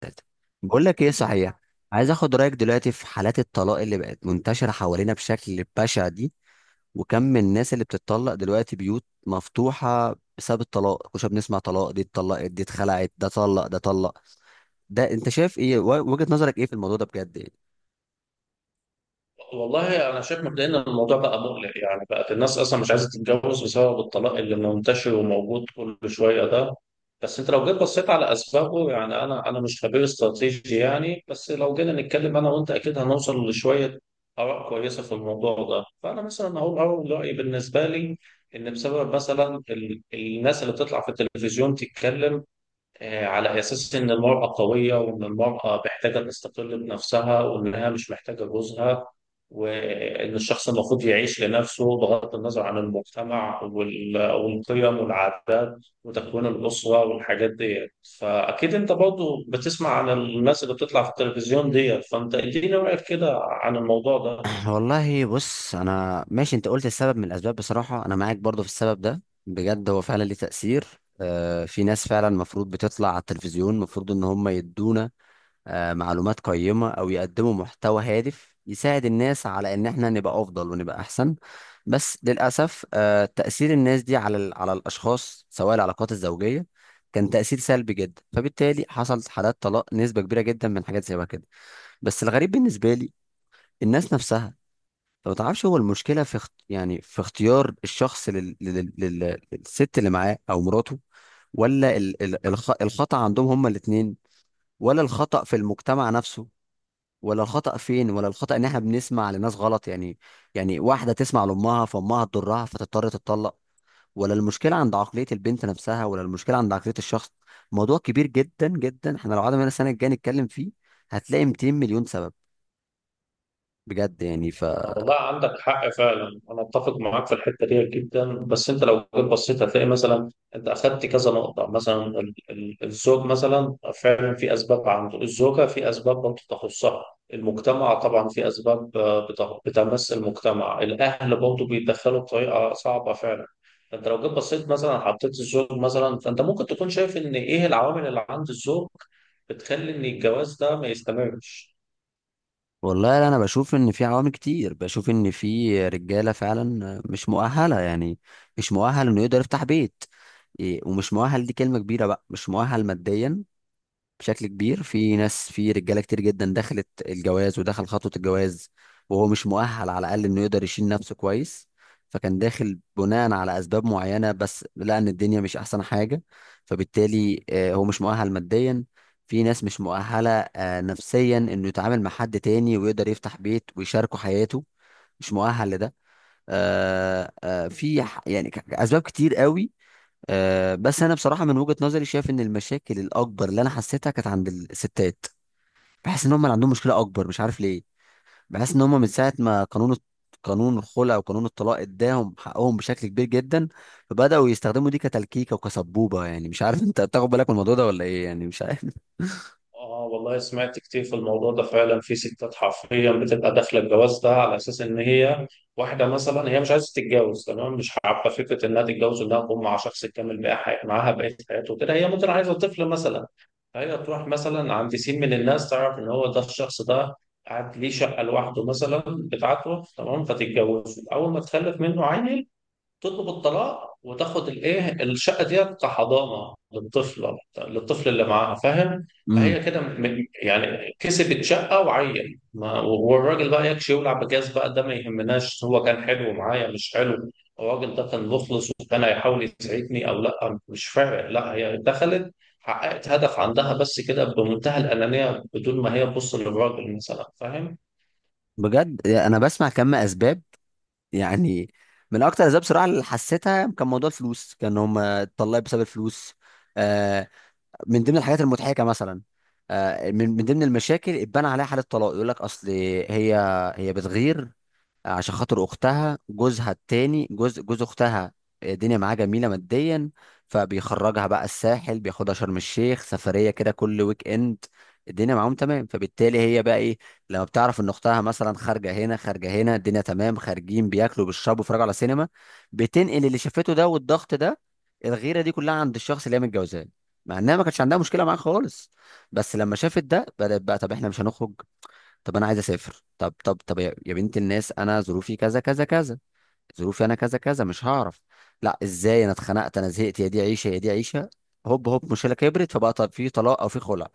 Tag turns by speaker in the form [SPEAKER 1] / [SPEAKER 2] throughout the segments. [SPEAKER 1] ثلاثة. بقول لك ايه، صحيح؟ عايز اخد رايك دلوقتي في حالات الطلاق اللي بقت منتشره حوالينا بشكل بشع دي. وكم من الناس اللي بتتطلق دلوقتي، بيوت مفتوحه بسبب الطلاق. كنا بنسمع طلاق، دي اتطلقت، دي اتخلعت، ده طلق، ده طلق. ده انت شايف ايه؟ وجهه نظرك ايه في الموضوع ده بجد يعني؟
[SPEAKER 2] والله انا شايف مبدئيا ان الموضوع بقى مقلق. يعني بقت الناس اصلا مش عايزه تتجوز بسبب الطلاق اللي منتشر وموجود كل شويه ده. بس انت لو جيت بصيت على اسبابه، يعني انا مش خبير استراتيجي يعني، بس لو جينا نتكلم انا وانت اكيد هنوصل لشويه اراء كويسه في الموضوع ده. فانا مثلا هقول اول رايي بالنسبه لي. ان بسبب مثلا الناس اللي بتطلع في التلفزيون تتكلم، على أساس إن المرأة قوية وإن المرأة محتاجة تستقل بنفسها وإنها مش محتاجة جوزها، وإن الشخص المفروض يعيش لنفسه بغض النظر عن المجتمع والقيم والعادات وتكوين الأسرة والحاجات ديت. فأكيد أنت برضو بتسمع عن الناس اللي بتطلع في التلفزيون ديت، فأنت إديني رأيك كده عن الموضوع ده.
[SPEAKER 1] والله بص، انا ماشي، انت قلت السبب من الاسباب. بصراحه انا معاك برضو في السبب ده بجد، هو فعلا ليه تاثير. في ناس فعلا المفروض بتطلع على التلفزيون، المفروض ان هم يدونا معلومات قيمة أو يقدموا محتوى هادف يساعد الناس على إن إحنا نبقى أفضل ونبقى أحسن. بس للأسف تأثير الناس دي على على الأشخاص، سواء العلاقات الزوجية، كان تأثير سلبي جدا، فبالتالي حصلت حالات طلاق نسبة كبيرة جدا من حاجات زي كده. بس الغريب بالنسبة لي، الناس نفسها، فما تعرفش، هو المشكلة في يعني في اختيار الشخص للست اللي معاه أو مراته؟ ولا الخطأ عندهم هما الاتنين؟ ولا الخطأ في المجتمع نفسه؟ ولا الخطأ فين؟ ولا الخطأ ان احنا بنسمع لناس غلط يعني؟ يعني واحدة تسمع لأمها فأمها تضرها فتضطر تتطلق. ولا المشكلة عند عقلية البنت نفسها؟ ولا المشكلة عند عقلية الشخص؟ موضوع كبير جدا جدا، احنا لو قعدنا هنا السنة الجاية نتكلم فيه هتلاقي 200 مليون سبب. بجد يعني، ف
[SPEAKER 2] والله عندك حق فعلا، انا اتفق معاك في الحته دي جدا. بس انت لو جيت بصيت هتلاقي مثلا انت اخدت كذا نقطه. مثلا الزوج مثلا فعلا في اسباب عنده، الزوجه في اسباب برضه تخصها، المجتمع طبعا في اسباب بتمس المجتمع، الاهل برضه بيتدخلوا بطريقه صعبه فعلا. فانت لو جيت بصيت مثلا حطيت الزوج مثلا، فانت ممكن تكون شايف ان ايه العوامل اللي عند الزوج بتخلي ان الجواز ده ما يستمرش.
[SPEAKER 1] والله انا بشوف ان في عوامل كتير. بشوف ان في رجالة فعلا مش مؤهلة يعني. مش مؤهل انه يقدر يفتح بيت. إيه، ومش مؤهل دي كلمة كبيرة بقى، مش مؤهل ماديا بشكل كبير. في ناس، في رجاله كتير جدا دخلت الجواز ودخل خطوه الجواز وهو مش مؤهل على الاقل انه يقدر يشيل نفسه كويس. فكان داخل بناء على اسباب معينه بس لقى ان الدنيا مش احسن حاجه. فبالتالي هو مش مؤهل ماديا. في ناس مش مؤهله نفسيا انه يتعامل مع حد تاني ويقدر يفتح بيت ويشاركه حياته. مش مؤهل لده. في يعني اسباب كتير قوي. أه بس انا بصراحه من وجهه نظري شايف ان المشاكل الاكبر اللي انا حسيتها كانت عند الستات. بحس ان هم اللي عندهم مشكله اكبر، مش عارف ليه. بحس ان هم من ساعه ما قانون قانون الخلع وقانون الطلاق اداهم حقهم بشكل كبير جدا، فبداوا يستخدموا دي كتلكيكه وكسبوبه يعني. مش عارف انت بتاخد بالك من الموضوع ده ولا ايه يعني؟ مش عارف.
[SPEAKER 2] اه والله سمعت كتير في الموضوع ده. فعلا في ستات حرفيا بتبقى داخله الجواز ده على اساس ان هي واحده مثلا، هي مش عايزه تتجوز تمام، مش حابه فكره انها تتجوز، انها تقوم مع شخص تكمل بقى معاها بقيه حياته كده. هي ممكن عايزه طفل مثلا، فهي تروح مثلا عند سين من الناس تعرف ان هو ده الشخص ده قاعد ليه شقه لوحده مثلا بتاعته تمام، فتتجوزه. اول ما تخلف منه عيل تطلب الطلاق وتاخد الايه الشقه ديت كحضانه للطفله، للطفل اللي معاها، فاهم؟
[SPEAKER 1] امم.
[SPEAKER 2] فهي كده يعني كسبت شقه وعين ما، والراجل بقى يكشي يولع بجاز، بقى ده ما يهمناش. هو كان حلو معايا مش حلو، الراجل ده كان مخلص وكان هيحاول يسعدني او لا، مش فارق. لا، هي دخلت حققت هدف عندها بس كده، بمنتهى الانانيه، بدون ما هي تبص للراجل مثلا، فاهم؟
[SPEAKER 1] بجد انا بسمع كم اسباب يعني. من اكتر الاسباب بصراحه اللي حسيتها كان موضوع الفلوس، كان هم اتطلقوا بسبب الفلوس. آه، من ضمن الحاجات المضحكه مثلا، من ضمن المشاكل اتبنى عليها حاله طلاق، يقول لك اصل هي هي بتغير عشان خاطر اختها. جوزها التاني، جوز اختها، الدنيا معاه جميله ماديا، فبيخرجها بقى الساحل، بياخدها شرم الشيخ سفريه كده كل ويك اند، الدنيا معاهم تمام. فبالتالي هي بقى ايه، لما بتعرف ان اختها مثلا خارجه هنا خارجه هنا، الدنيا تمام، خارجين بياكلوا بيشربوا بيتفرجوا على سينما، بتنقل اللي شافته ده والضغط ده الغيره دي كلها عند الشخص اللي هي متجوزاه، مع انها ما كانتش عندها مشكله معاه خالص. بس لما شافت ده بدات بقى، طب احنا مش هنخرج؟ طب انا عايز اسافر. طب طب طب، يا بنت الناس، انا ظروفي كذا كذا كذا، ظروفي انا كذا كذا، مش هعرف. لا ازاي، انا اتخنقت، انا زهقت، يا دي عيشه، يا دي عيشه. هوب هوب، مشكله كبرت، فبقى طب في طلاق او في خلع.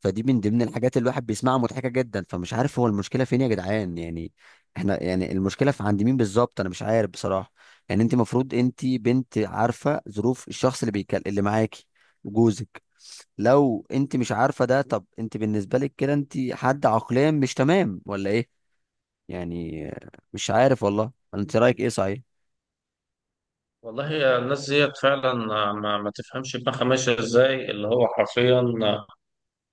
[SPEAKER 1] فدي من ضمن الحاجات اللي الواحد بيسمعها مضحكه جدا. فمش عارف هو المشكله فين يا جدعان يعني. احنا يعني المشكله في عند مين بالظبط، انا مش عارف بصراحه. يعني انت المفروض انت بنت عارفه ظروف الشخص اللي بيكل اللي معاكي، جوزك. لو انت مش عارفه ده، طب انت بالنسبه لك كده انت حد عقليا مش تمام ولا ايه؟ يعني مش عارف والله. ولا انت رايك ايه، صحيح؟
[SPEAKER 2] والله يا الناس ديت فعلا ما, ما تفهمش دماغها ماشيه ازاي. اللي هو حرفيا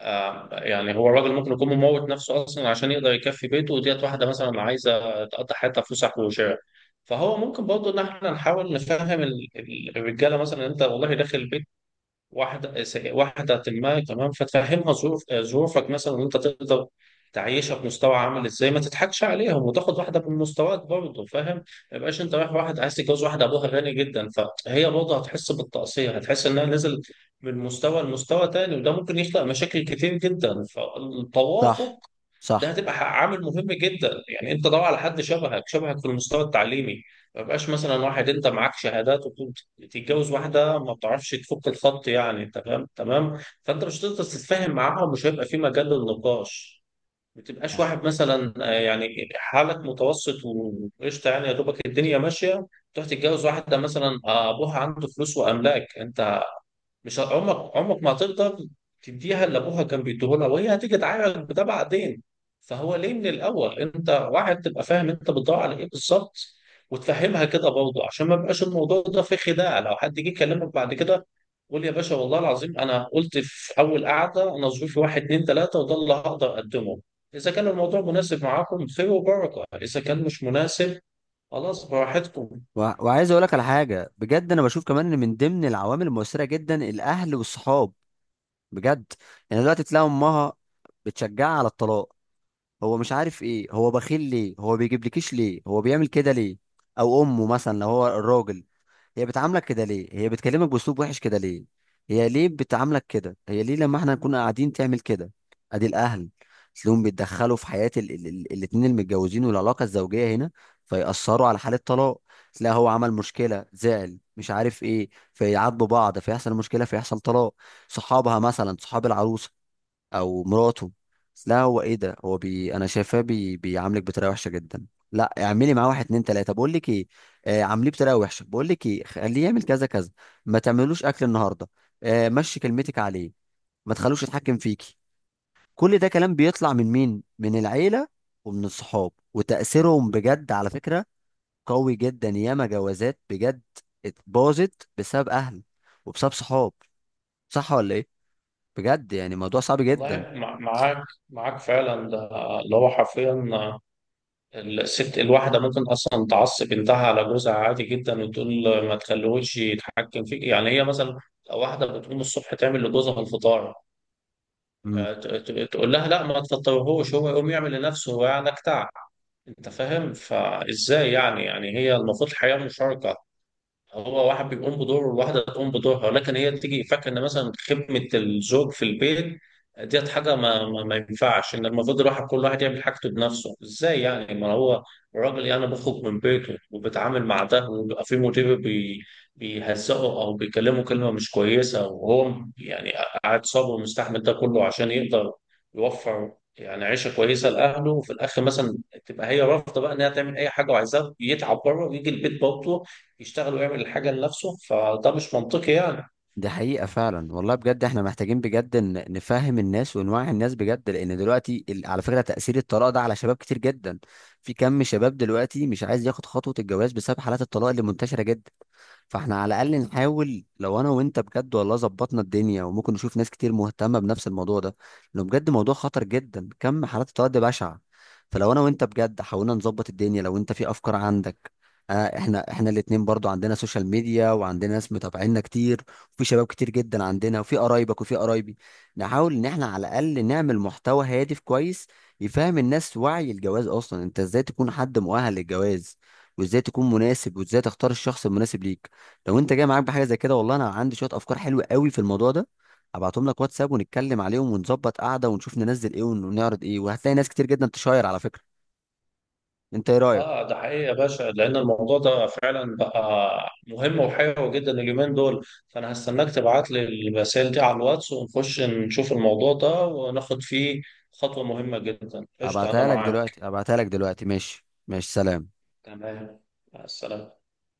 [SPEAKER 2] يعني هو الراجل ممكن يكون مموت نفسه اصلا عشان يقدر يكفي بيته، وديت واحده مثلا عايزه تقضي حياتها فسح وشراء. فهو ممكن برضه ان احنا نحاول نفهم الرجاله. مثلا انت والله داخل واحدة واحدة ما كمان، فتفهمها ظروفك مثلا وانت تقدر تعيشها بمستوى عامل ازاي، ما تضحكش عليهم وتاخد واحدة من مستواك برضه، فاهم؟ ما يبقاش انت رايح واحد عايز تتجوز واحدة ابوها غني جدا، فهي برضه هتحس بالتقصير، هتحس انها نزل من مستوى لمستوى تاني، وده ممكن يخلق مشاكل كتير جدا.
[SPEAKER 1] صح.
[SPEAKER 2] فالتوافق ده
[SPEAKER 1] صح.
[SPEAKER 2] هتبقى عامل مهم جدا. يعني انت دور على حد شبهك، شبهك في المستوى التعليمي. ما بقاش مثلا واحد انت معاك شهادات وتقوم تتجوز واحده ما بتعرفش تفك الخط يعني. تمام تمام؟ فانت مش هتقدر تتفاهم معاها ومش هيبقى في مجال للنقاش. ما تبقاش واحد مثلا يعني حالك متوسط وقشطه يعني، يا دوبك الدنيا ماشيه، تروح تتجوز واحده مثلا ابوها عنده فلوس واملاك. انت مش عمرك عمرك ما هتقدر تديها اللي ابوها كان بيديهولها، وهي هتيجي تعايرك بده بعدين. فهو ليه من الاول؟ انت واحد تبقى فاهم انت بتدور على ايه بالظبط، وتفهمها كده برضه، عشان ما يبقاش الموضوع ده فيه خداع. لو حد جه يكلمك بعد كده قول يا باشا والله العظيم انا قلت في اول قعده، انا ظروفي واحد اتنين تلاته وده اللي هقدر اقدمه. اذا كان الموضوع مناسب معاكم خير وبركه، اذا كان مش مناسب خلاص براحتكم.
[SPEAKER 1] و... وعايز اقول لك على حاجه بجد، انا بشوف كمان ان من ضمن العوامل المؤثره جدا الاهل والصحاب، بجد يعني. دلوقتي تلاقي امها بتشجعها على الطلاق، هو مش عارف ايه، هو بخيل ليه، هو بيجيبلكيش ليه، هو بيعمل كده ليه. او امه مثلا لو هو الراجل، هي بتعاملك كده ليه، هي بتكلمك باسلوب وحش كده ليه، هي ليه بتعاملك كده، هي ليه لما احنا نكون قاعدين تعمل كده. ادي الاهل، تلاقيهم بيتدخلوا في حياه الاتنين المتجوزين والعلاقه الزوجيه هنا، فيأثروا على حاله طلاق. تلاقي هو عمل مشكله، زعل مش عارف ايه، فيعاتبوا بعض، فيحصل مشكله، فيحصل طلاق. صحابها مثلا، صحاب العروسه او مراته، لا هو ايه ده، هو انا شايفاه بيعاملك بطريقه وحشه جدا، لا اعملي معاه واحد اتنين تلاته، بقول لك ايه، آه عامليه بطريقه وحشه، بقول لك ايه خليه يعمل كذا كذا، ما تعملوش اكل النهارده، آه مشي كلمتك عليه، ما تخلوش يتحكم فيكي. كل ده كلام بيطلع من مين؟ من العيله ومن الصحاب، وتاثيرهم بجد على فكره قوي جدا. ياما جوازات بجد اتباظت بسبب اهل وبسبب صحاب. صح ولا ايه؟ بجد يعني موضوع صعب جدا.
[SPEAKER 2] والله معاك فعلا. ده اللي هو حرفيا، الست الواحدة ممكن أصلا تعصب بنتها على جوزها عادي جدا وتقول ما تخليهوش يتحكم فيك. يعني هي مثلا واحدة بتقوم الصبح تعمل لجوزها الفطار، يعني تقول لها لا ما تفطرهوش، هو يقوم يعمل لنفسه هو، يعني جدع. أنت فاهم؟ فإزاي يعني هي المفروض الحياة مشاركة، هو واحد بيقوم بدوره والواحدة تقوم بدورها. ولكن هي تيجي فاكرة إن مثلا خدمة الزوج في البيت ديت حاجة ما ينفعش. إن المفروض الواحد كل واحد يعمل حاجته بنفسه. إزاي يعني؟ ما هو الراجل يعني بيخرج من بيته وبيتعامل مع ده، وبيبقى في مدير بيهزقه أو بيكلمه كلمة مش كويسة، وهو يعني قاعد صابر ومستحمل ده كله عشان يقدر يوفر يعني عيشة كويسة لأهله. وفي الآخر مثلا تبقى هي رافضة بقى إنها تعمل أي حاجة، وعايزاه يتعب بره ويجي البيت برضه يشتغل ويعمل الحاجة لنفسه. فده مش منطقي يعني.
[SPEAKER 1] دي حقيقة فعلا والله، بجد احنا محتاجين بجد نفهم الناس ونوعي الناس بجد. لان دلوقتي على فكرة تأثير الطلاق ده على شباب كتير جدا. في كم شباب دلوقتي مش عايز ياخد خطوة الجواز بسبب حالات الطلاق اللي منتشرة جدا. فاحنا على الاقل نحاول، لو انا وانت بجد والله ظبطنا الدنيا، وممكن نشوف ناس كتير مهتمه بنفس الموضوع ده، لانه بجد موضوع خطر جدا، كم حالات التوعية بشعه. فلو انا وانت بجد حاولنا نظبط الدنيا، لو انت في افكار عندك. آه، احنا الاتنين برضو عندنا سوشيال ميديا، وعندنا ناس متابعينا كتير، وفي شباب كتير جدا عندنا، وفي قرايبك وفي قرايبي. نحاول ان احنا على الاقل نعمل محتوى هادف كويس يفهم الناس وعي الجواز، اصلا انت ازاي تكون حد مؤهل للجواز وازاي تكون مناسب وازاي تختار الشخص المناسب ليك. لو انت جاي معاك بحاجه زي كده، والله انا عندي شويه افكار حلوه قوي في الموضوع ده، هبعتهم لك واتساب ونتكلم عليهم ونظبط قعده ونشوف ننزل ايه ونعرض ايه، وهتلاقي ناس كتير جدا تشاير على فكره. انت ايه رايك؟
[SPEAKER 2] اه ده حقيقي يا باشا، لأن الموضوع ده فعلا بقى مهم وحيوي جدا اليومين دول. فأنا هستناك تبعت لي الرسائل دي على الواتس ونخش نشوف الموضوع ده وناخد فيه خطوة مهمة جدا. قشطة، أنا
[SPEAKER 1] ابعتها لك
[SPEAKER 2] معاك.
[SPEAKER 1] دلوقتي، ابعتها لك دلوقتي. ماشي ماشي، سلام.
[SPEAKER 2] تمام، مع السلامة.